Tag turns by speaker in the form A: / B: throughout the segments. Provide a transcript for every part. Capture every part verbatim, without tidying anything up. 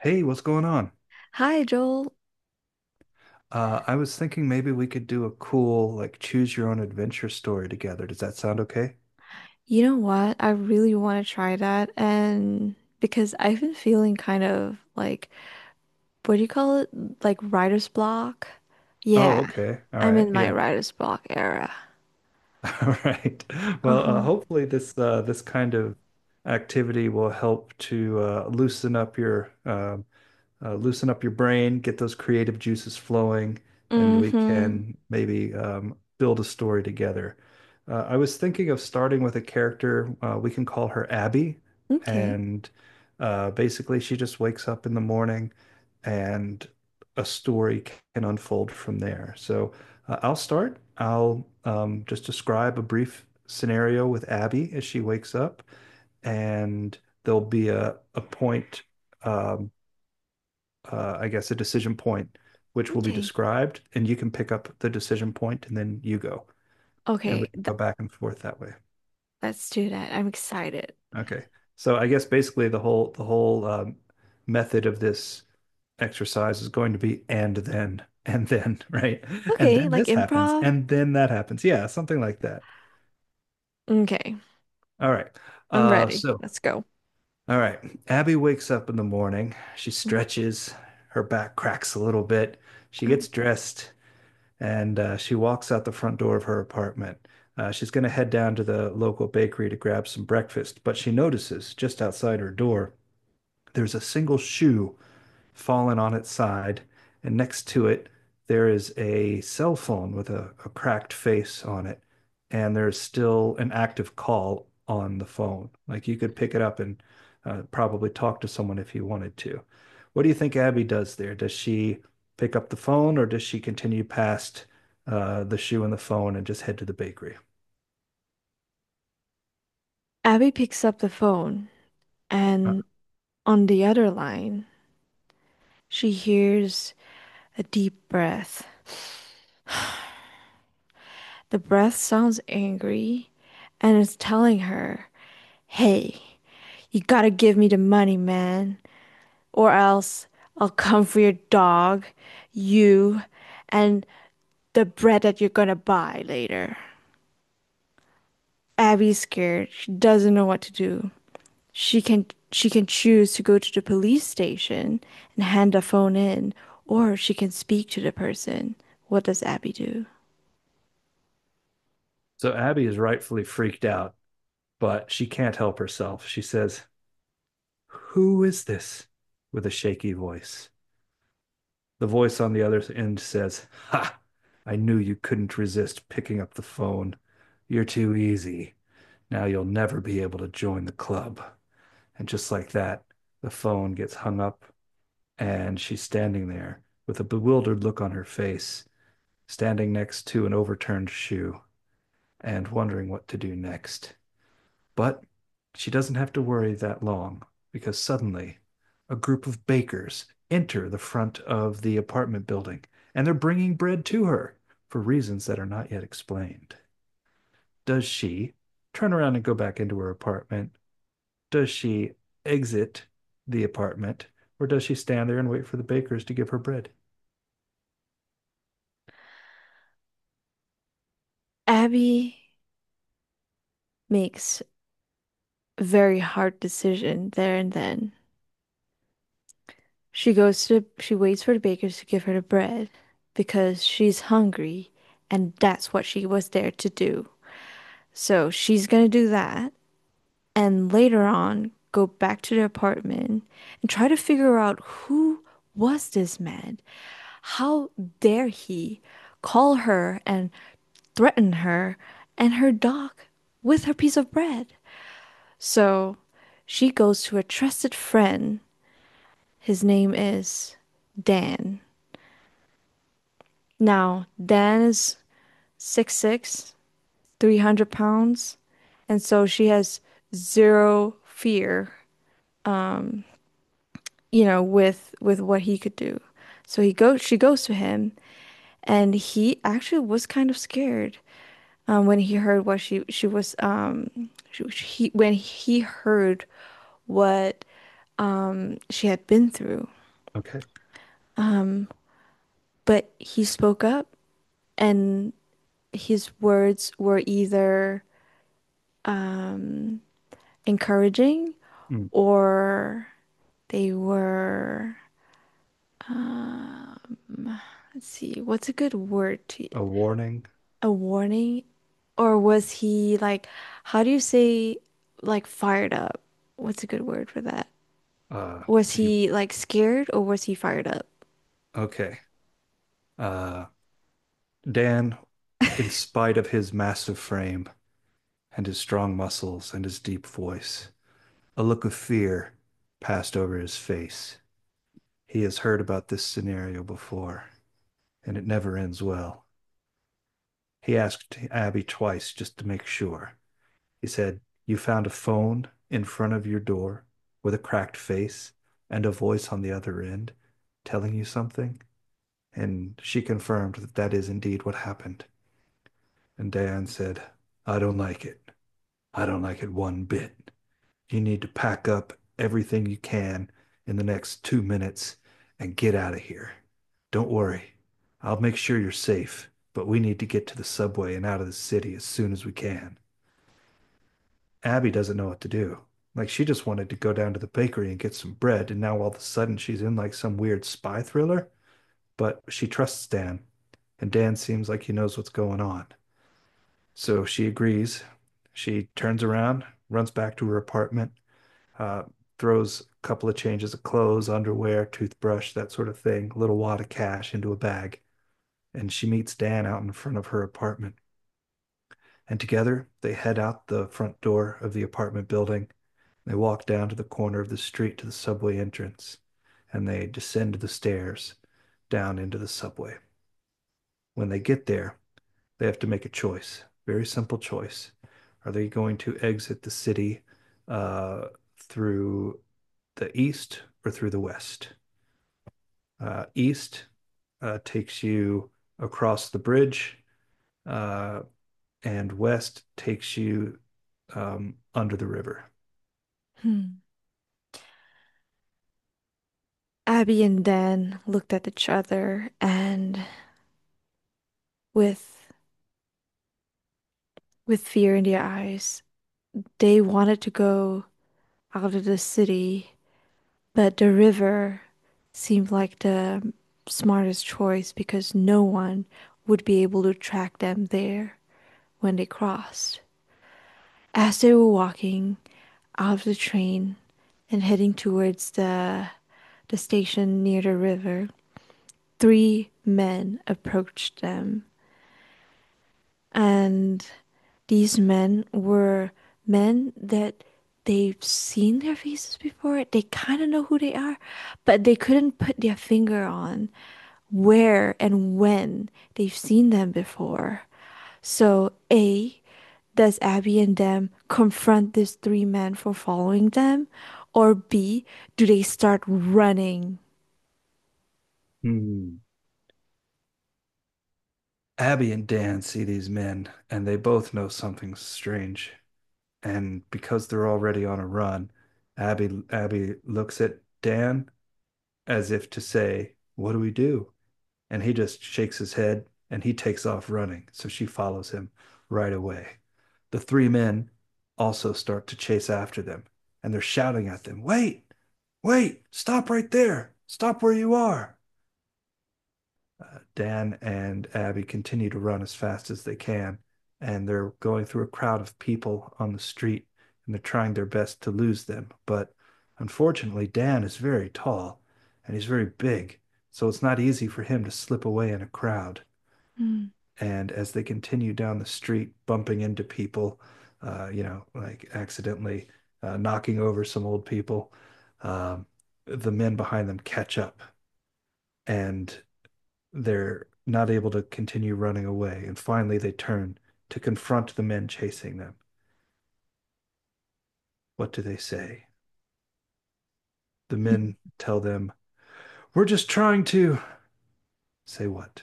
A: Hey, what's going on?
B: Hi, Joel.
A: Uh, I was thinking maybe we could do a cool, like, choose your own adventure story together. Does that sound okay?
B: You know what? I really want to try that. And because I've been feeling kind of like, what do you call it? Like writer's block?
A: Oh,
B: Yeah,
A: okay. All
B: I'm
A: right.
B: in my
A: Yeah.
B: writer's block era.
A: All right. Well, uh,
B: Uh-huh.
A: hopefully this uh, this kind of activity will help to uh, loosen up your uh, uh, loosen up your brain, get those creative juices flowing, and we
B: Mm-hmm.
A: can maybe um, build a story together. Uh, I was thinking of starting with a character, uh, we can call her Abby.
B: Okay.
A: And uh, basically, she just wakes up in the morning and a story can unfold from there. So uh, I'll start. I'll um, just describe a brief scenario with Abby as she wakes up, and there'll be a, a point. um, uh, I guess, a decision point, which will be
B: Okay.
A: described, and you can pick up the decision point, and then you go, and we
B: Okay.
A: can go
B: Th
A: back and forth that way.
B: Let's do that. I'm excited.
A: Okay. So I guess basically the whole the whole um, method of this exercise is going to be and then and then right and
B: Okay.
A: then
B: Like
A: this happens
B: improv?
A: and then that happens, yeah, something like that.
B: Okay.
A: All right.
B: I'm
A: uh
B: ready.
A: so
B: Let's go.
A: all right, Abby wakes up in the morning, she
B: Mm.
A: stretches, her back cracks a little bit, she
B: Oh.
A: gets dressed, and uh, she walks out the front door of her apartment. Uh, she's going to head down to the local bakery to grab some breakfast, but she notices just outside her door there's a single shoe fallen on its side, and next to it, there is a cell phone with a, a cracked face on it, and there's still an active call on the phone. Like you could pick it up and uh, probably talk to someone if you wanted to. What do you think Abby does there? Does she pick up the phone or does she continue past uh, the shoe and the phone and just head to the bakery?
B: Abby picks up the phone, and on the other line, she hears a deep breath. The breath sounds angry, and it's telling her, "Hey, you gotta give me the money, man, or else I'll come for your dog, you, and the bread that you're gonna buy later." Abby's scared. She doesn't know what to do. She can she can choose to go to the police station and hand the phone in, or she can speak to the person. What does Abby do?
A: So Abby is rightfully freaked out, but she can't help herself. She says, "Who is this?" with a shaky voice. The voice on the other end says, "Ha! I knew you couldn't resist picking up the phone. You're too easy. Now you'll never be able to join the club." And just like that, the phone gets hung up, and she's standing there with a bewildered look on her face, standing next to an overturned shoe and wondering what to do next. But she doesn't have to worry that long because suddenly a group of bakers enter the front of the apartment building and they're bringing bread to her for reasons that are not yet explained. Does she turn around and go back into her apartment? Does she exit the apartment or does she stand there and wait for the bakers to give her bread?
B: Abby makes a very hard decision there and then. She goes to, she waits for the bakers to give her the bread because she's hungry, and that's what she was there to do. So she's gonna do that and later on go back to the apartment and try to figure out, who was this man? How dare he call her and threaten her and her dog with her piece of bread? So she goes to a trusted friend. His name is Dan. Now, Dan is six'six, three hundred pounds, and so she has zero fear, you know, with with what he could do. So he goes she goes to him, and he actually was kind of scared um, when he heard what she she was um she, he when he heard what she had been through.
A: Okay.
B: But he spoke up, and his words were either encouraging,
A: Mm.
B: or they were, let's see, what's a good word to
A: A warning.
B: a warning? Or was he like, how do you say, like, fired up? What's a good word for that?
A: Uh,
B: Was
A: he,
B: he like scared, or was he fired up?
A: okay. Uh, Dan, in spite of his massive frame, and his strong muscles and his deep voice. A look of fear passed over his face. He has heard about this scenario before, and it never ends well. He asked Abby twice just to make sure. He said, "You found a phone in front of your door with a cracked face and a voice on the other end telling you something?" And she confirmed that that is indeed what happened. And Diane said, "I don't like it. I don't like it one bit. You need to pack up everything you can in the next two minutes and get out of here. Don't worry, I'll make sure you're safe, but we need to get to the subway and out of the city as soon as we can." Abby doesn't know what to do. Like, she just wanted to go down to the bakery and get some bread, and now all of a sudden she's in like some weird spy thriller. But she trusts Dan, and Dan seems like he knows what's going on. So she agrees. She turns around, runs back to her apartment, uh, throws a couple of changes of clothes, underwear, toothbrush, that sort of thing, a little wad of cash into a bag. And she meets Dan out in front of her apartment. And together they head out the front door of the apartment building. They walk down to the corner of the street to the subway entrance and they descend the stairs down into the subway. When they get there, they have to make a choice, very simple choice. Are they going to exit the city uh, through the east or through the west? Uh, east uh, takes you across the bridge, uh, and west takes you um, under the river.
B: Hmm. Abby and Dan looked at each other, and with with fear in their eyes, they wanted to go out of the city, but the river seemed like the smartest choice because no one would be able to track them there when they crossed. As they were walking out of the train and heading towards the the station near the river, three men approached them. And these men were men that they've seen their faces before. They kind of know who they are, but they couldn't put their finger on where and when they've seen them before. So, A, does Abby and them confront these three men for following them? Or B, do they start running?
A: Hmm. Abby and Dan see these men, and they both know something's strange. And because they're already on a run, Abby Abby looks at Dan as if to say, "What do we do?" And he just shakes his head and he takes off running. So she follows him right away. The three men also start to chase after them and they're shouting at them, "Wait, wait, stop right there, stop where you are." Uh, Dan and Abby continue to run as fast as they can, and they're going through a crowd of people on the street and they're trying their best to lose them. But unfortunately, Dan is very tall and he's very big, so it's not easy for him to slip away in a crowd.
B: Hmm.
A: And as they continue down the street, bumping into people, uh, you know, like accidentally uh, knocking over some old people, um, the men behind them catch up and they're not able to continue running away. And finally, they turn to confront the men chasing them. What do they say? The men tell them, "We're just trying to" say what?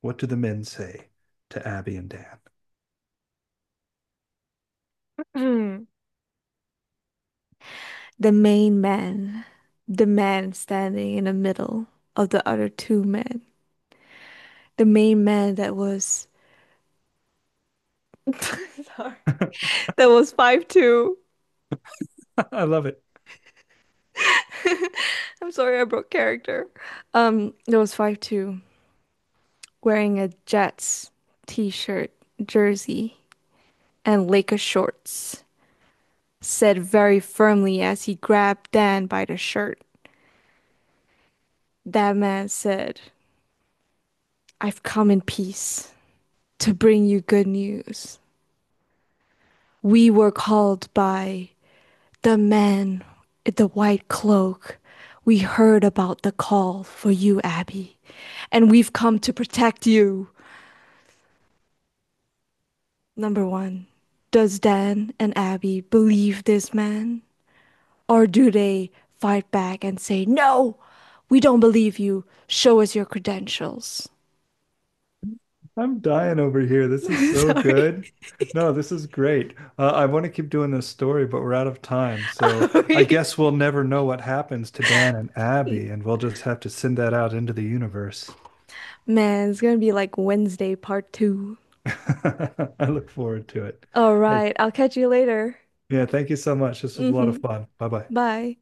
A: What do the men say to Abby and Dan?
B: The main man, the man standing in the middle of the other two men, the main man that was, sorry, that was five two.
A: I love it.
B: I'm sorry, I broke character. Um, that was five two, wearing a Jets t-shirt, jersey, and Laker shorts, said very firmly as he grabbed Dan by the shirt. That man said, "I've come in peace to bring you good news. We were called by the man in the white cloak. We heard about the call for you, Abby, and we've come to protect you." Number one, does Dan and Abby believe this man? Or do they fight back and say, "No, we don't believe you. Show us your credentials."
A: I'm dying over here. This is so
B: Sorry.
A: good. No, this is great. Uh, I want to keep doing this story, but we're out of time. So I
B: Sorry.
A: guess we'll never know what happens to Dan and Abby, and we'll just have to send that out into the universe.
B: Man, it's gonna be like Wednesday part two.
A: I look forward to it.
B: All
A: Hey,
B: right, I'll catch you later.
A: yeah, thank you so much. This was a lot of
B: Hmm.
A: fun. Bye bye.
B: Bye.